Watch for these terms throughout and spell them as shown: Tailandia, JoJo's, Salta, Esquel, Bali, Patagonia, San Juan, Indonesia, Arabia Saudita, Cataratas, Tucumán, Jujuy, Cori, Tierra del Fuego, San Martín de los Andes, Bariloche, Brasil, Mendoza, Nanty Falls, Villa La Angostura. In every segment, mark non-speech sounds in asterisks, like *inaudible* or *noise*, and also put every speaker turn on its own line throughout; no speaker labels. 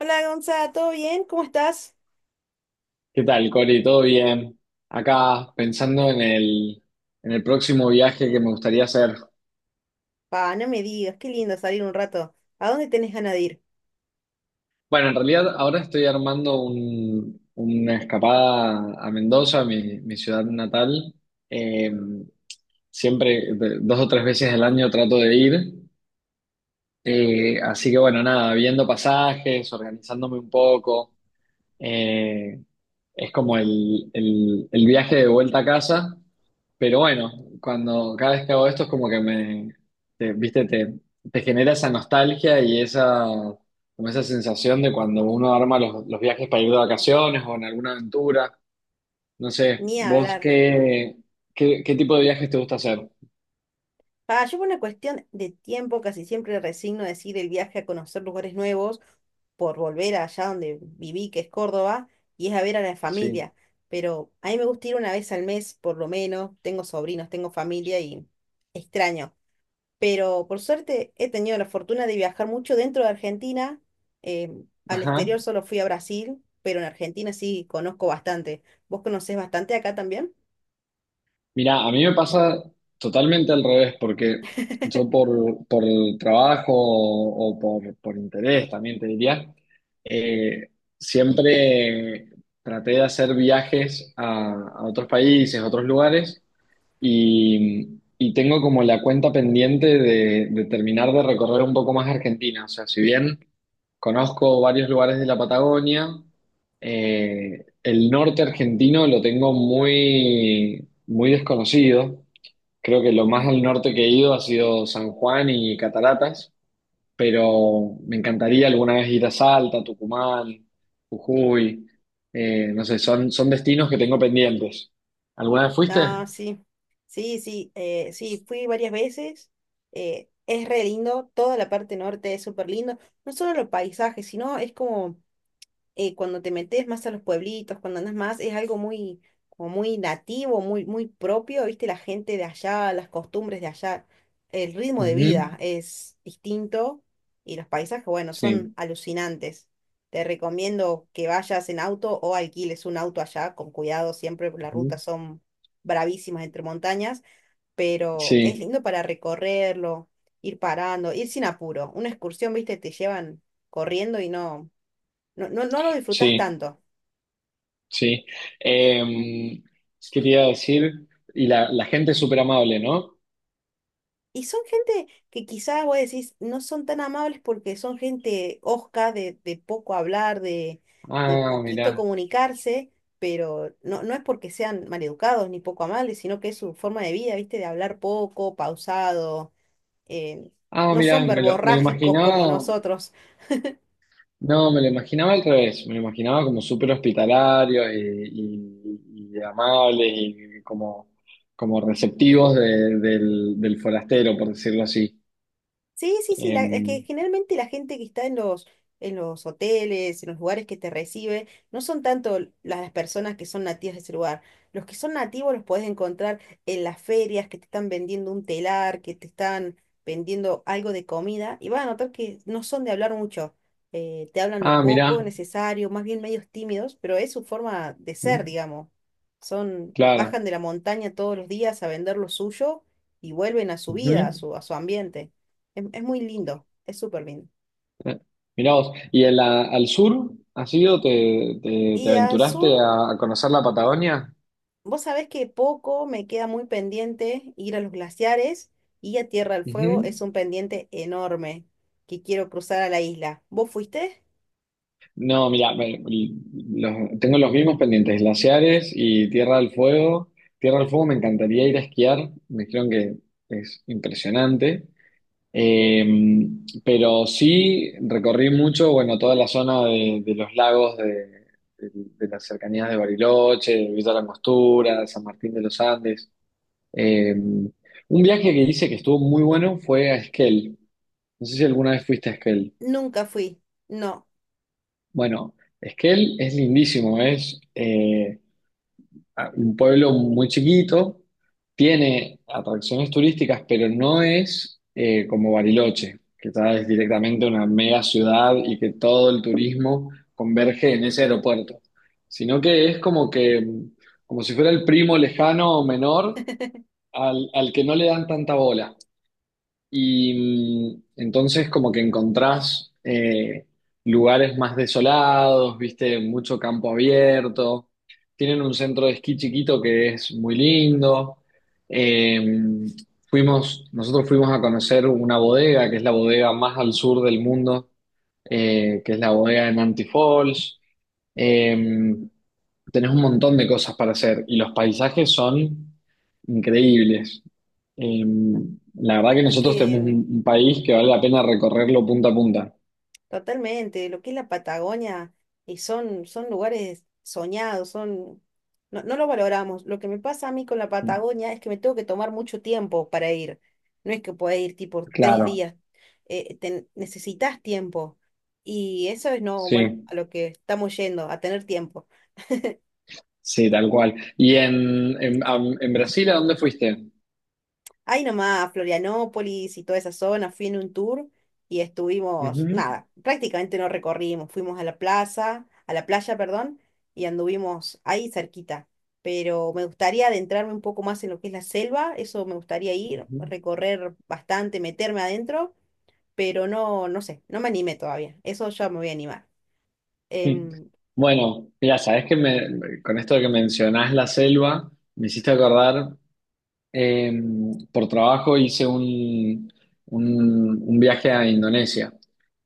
Hola Gonza, ¿todo bien? ¿Cómo estás?
¿Qué tal, Cori? ¿Todo bien? Acá pensando en el próximo viaje que me gustaría hacer.
Pa, no me digas, qué lindo salir un rato. ¿A dónde tenés ganas de ir?
Bueno, en realidad ahora estoy armando una escapada a Mendoza, mi ciudad natal. Eh, Siempre, dos o tres veces al año trato de ir. Así que bueno, nada, viendo pasajes, organizándome un poco. Eh, Es como el viaje de vuelta a casa, pero bueno, cuando cada vez que hago esto es como que viste, te genera esa nostalgia y como esa sensación de cuando uno arma los viajes para ir de vacaciones o en alguna aventura. No sé,
Ni hablar.
¿qué, qué tipo de viajes te gusta hacer?
Pa, yo por una cuestión de tiempo casi siempre resigno a decir el viaje a conocer lugares nuevos por volver allá donde viví, que es Córdoba, y es a ver a la
Sí.
familia. Pero a mí me gusta ir una vez al mes, por lo menos. Tengo sobrinos, tengo familia y extraño, pero por suerte he tenido la fortuna de viajar mucho dentro de Argentina. eh, Al
Ajá.
exterior solo fui a Brasil, pero en Argentina sí conozco bastante. ¿Vos conocés bastante acá también?
Mira, a mí me pasa totalmente al revés, porque yo por el trabajo o por interés también te diría, eh, siempre traté de hacer viajes a otros países, a otros lugares, y tengo como la cuenta pendiente de terminar de recorrer un poco más Argentina. O sea, si bien conozco varios lugares de la Patagonia. El norte argentino lo tengo muy desconocido. Creo que lo más al norte que he ido ha sido San Juan y Cataratas, pero me encantaría alguna vez ir a Salta, Tucumán, Jujuy. No sé, son destinos que tengo pendientes. ¿Alguna vez fuiste?
Ah, sí, sí, sí, sí, fui varias veces. Eh, es re lindo, toda la parte norte es súper lindo. No solo los paisajes, sino es como cuando te metes más a los pueblitos, cuando andas más, es algo muy, como muy nativo, muy, muy propio, ¿viste? La gente de allá, las costumbres de allá, el ritmo de
Ujú.
vida es distinto, y los paisajes, bueno, son
Sí.
alucinantes. Te recomiendo que vayas en auto o alquiles un auto allá, con cuidado siempre, porque las
Ujú.
rutas son bravísimas entre montañas, pero es
Sí,
lindo para recorrerlo, ir parando, ir sin apuro. Una excursión, ¿viste? Te llevan corriendo y no, no lo disfrutás
sí.
tanto.
Sí. Eh, Quería decir, y la gente es súper amable, ¿no?
Y son gente que quizás vos decís, no son tan amables porque son gente hosca, de poco hablar, de
Ah,
poquito
mirá.
comunicarse, pero no, no es porque sean maleducados ni poco amables, sino que es su forma de vida, ¿viste? De hablar poco, pausado, eh,
Ah,
no
mirá,
son
me lo
verborrágicos como
imaginaba.
nosotros.
No, me lo imaginaba al revés. Me lo imaginaba como súper hospitalario y, y amable y como, como receptivos del forastero, por decirlo así.
Sí, sí, sí,
Eh,
la, es que generalmente la gente que está en los hoteles, en los lugares que te recibe, no son tanto las personas que son nativas de ese lugar. Los que son nativos los podés encontrar en las ferias que te están vendiendo un telar, que te están vendiendo algo de comida, y vas a notar que no son de hablar mucho. Eh, te hablan lo
ah,
poco
mirá.
necesario, más bien medios tímidos, pero es su forma de ser, digamos. Son, bajan
Claro.
de la montaña todos los días a vender lo suyo y vuelven a su vida,
Ujú.
a su ambiente. Es muy lindo, es súper lindo.
Eh, Mirá vos, ¿y en al sur has ido? Te
Y al
aventuraste
sur,
a conocer la Patagonia?
vos sabés que poco me queda muy pendiente ir a los glaciares, y a Tierra del Fuego es
Ujú.
un pendiente enorme que quiero cruzar a la isla. ¿Vos fuiste?
No, mira, tengo los mismos pendientes, glaciares y Tierra del Fuego. Tierra del Fuego me encantaría ir a esquiar, me dijeron que es impresionante. Eh, pero sí recorrí mucho, bueno, toda la zona de los lagos de las cercanías de Bariloche, de Villa La Angostura, San Martín de los Andes. Un viaje que hice que estuvo muy bueno fue a Esquel. No sé si alguna vez fuiste a Esquel.
Nunca fui. No.
Bueno, Esquel es lindísimo, es un pueblo muy chiquito, tiene atracciones turísticas, pero no es como Bariloche, que es directamente una mega ciudad y que todo el turismo converge en ese aeropuerto, sino que es como que, como si fuera el primo lejano o menor al que no le dan tanta bola. Y entonces como que encontrás lugares más desolados, viste, mucho campo abierto. Tienen un centro de esquí chiquito que es muy lindo. Eh, Fuimos, nosotros fuimos a conocer una bodega, que es la bodega más al sur del mundo, que es la bodega de Nanty Falls. Eh, Tenés un montón de cosas para hacer y los paisajes son increíbles. Eh,
No.
la verdad que
Es
nosotros tenemos
que
un país que vale la pena recorrerlo punta a punta.
totalmente, lo que es la Patagonia, y son, son lugares soñados, son, no, no lo valoramos. Lo que me pasa a mí con la Patagonia es que me tengo que tomar mucho tiempo para ir. No es que pueda ir tipo tres
Claro,
días. Necesitas tiempo. Y eso es no, bueno,
sí,
a lo que estamos yendo, a tener tiempo.
sí, tal cual. ¿Y en Brasil a dónde fuiste?
Ahí nomás, a Florianópolis y toda esa zona, fui en un tour y estuvimos,
Ujú,
nada, prácticamente no recorrimos, fuimos a la plaza, a la playa, perdón, y anduvimos ahí cerquita. Pero me gustaría adentrarme un poco más en lo que es la selva, eso me gustaría ir,
ujú.
recorrer bastante, meterme adentro, pero no, no sé, no me animé todavía, eso ya me voy a animar.
Mm.
Em,
Bueno, mira, sabes que me, con esto que mencionás la selva, me hiciste acordar. Eh, por trabajo hice un, un viaje a Indonesia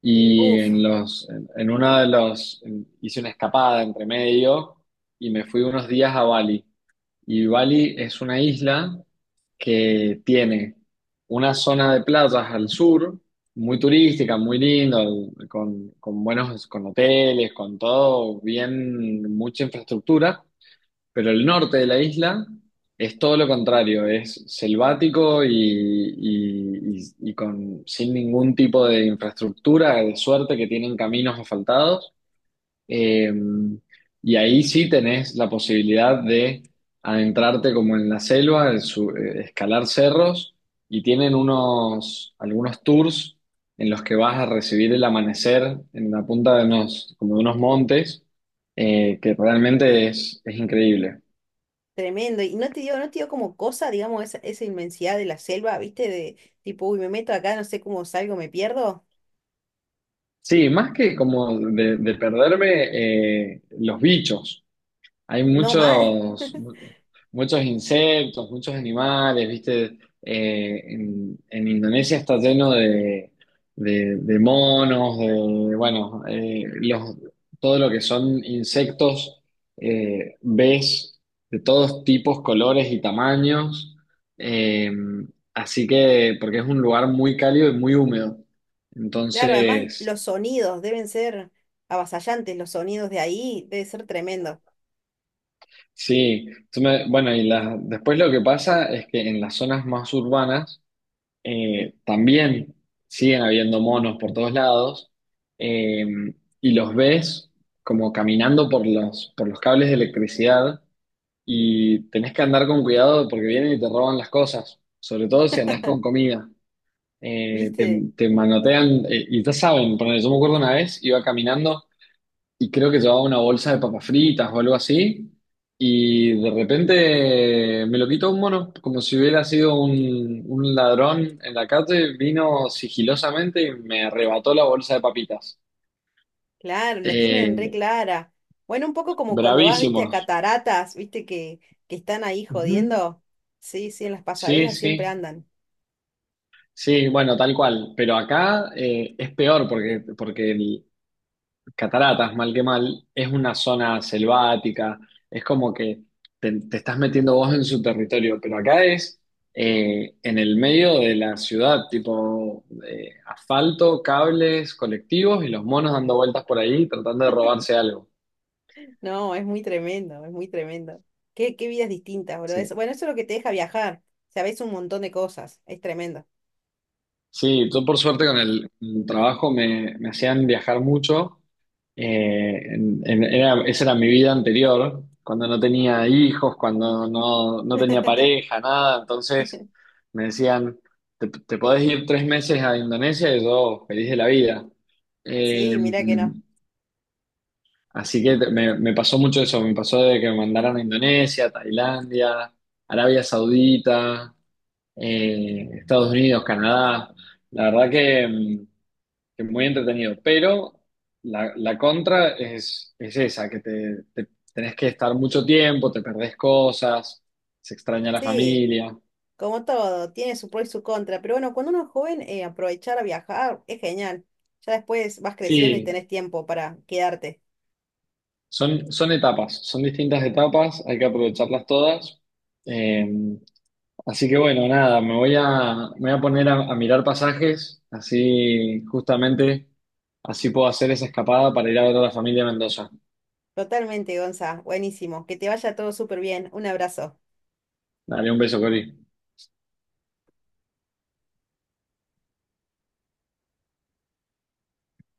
y
uf,
en en una de hice una escapada entre medio y me fui unos días a Bali. Y Bali es una isla que tiene una zona de playas al sur, muy turística, muy linda, con buenos, con hoteles, con todo, bien, mucha infraestructura. Pero el norte de la isla es todo lo contrario, es selvático y, y- y- y con, sin ningún tipo de infraestructura, de suerte que tienen caminos asfaltados. Eh, y ahí sí tenés la posibilidad de adentrarte como en la selva, escalar cerros y tienen unos, algunos tours en los que vas a recibir el amanecer en la punta de unos, como de unos montes, que realmente es increíble.
Tremendo. Y no te dio, no te dio como cosa, digamos, esa inmensidad de la selva, ¿viste? De tipo, uy, me meto acá, no sé cómo salgo, me pierdo.
Sí, más que como de perderme los bichos. Hay
No mal.
muchos,
*laughs*
muchos insectos, muchos animales, ¿viste? En Indonesia está lleno de, de monos, de, bueno, los, todo lo que son insectos, ves de todos tipos, colores y tamaños. Eh, Así que, porque es un lugar muy cálido y muy húmedo.
Claro, además
Entonces...
los sonidos deben ser avasallantes, los sonidos de ahí debe ser tremendo,
Sí, bueno, y después lo que pasa es que en las zonas más urbanas también siguen habiendo monos por todos lados, eh, y los ves como caminando por por los cables de electricidad y tenés que andar con cuidado porque vienen y te roban las cosas, sobre todo si andás con comida. Eh, te,
¿viste?
te manotean, y ya saben, ponele, yo me acuerdo una vez, iba caminando y creo que llevaba una bolsa de papas fritas o algo así, y de repente me lo quitó un mono, como si hubiera sido un ladrón en la calle, vino sigilosamente y me arrebató la bolsa de papitas.
Claro, la tienen re
Eh,
clara. Bueno, un poco como cuando vas, viste, a
Bravísimos.
cataratas, viste, que están ahí
Ujú.
jodiendo. Sí, sí, en las
Sí,
pasarelas siempre
sí,
andan.
sí, bueno, tal cual, pero acá es peor porque, porque Cataratas, mal que mal, es una zona selvática, es como que te estás metiendo vos en su territorio, pero acá es en el medio de la ciudad, tipo asfalto, cables, colectivos y los monos dando vueltas por ahí tratando de robarse algo.
No, es muy tremendo, es muy tremendo. Qué, qué vidas distintas, boludo.
Sí.
Eso- bueno, eso es lo que te deja viajar. Sabes un montón de cosas. Es tremendo.
Sí, yo por suerte con el trabajo me hacían viajar mucho. Esa era mi vida anterior, cuando no tenía hijos, cuando no, no tenía
*laughs*
pareja, nada. Entonces me decían, te podés ir tres meses a Indonesia y yo feliz de la vida. Eh,
Sí, mira que no.
Así que me pasó mucho eso, me pasó de que me mandaran a Indonesia, Tailandia, Arabia Saudita, Estados Unidos, Canadá. La verdad que... que muy entretenido, pero la contra es esa, que tenés que estar mucho tiempo, te perdés cosas, se extraña la
Sí,
familia.
como todo, tiene su pro y su contra. Pero bueno, cuando uno es joven, aprovechar a viajar es genial. Ya después vas creciendo y
Sí,
tenés tiempo para quedarte.
son, son etapas, son distintas etapas, hay que aprovecharlas todas. Eh, Así que bueno, nada, me voy a poner a mirar pasajes, así justamente, así puedo hacer esa escapada para ir a ver a la familia de Mendoza.
Totalmente, Gonza. Buenísimo. Que te vaya todo súper bien. Un abrazo.
Dale un beso, Cori.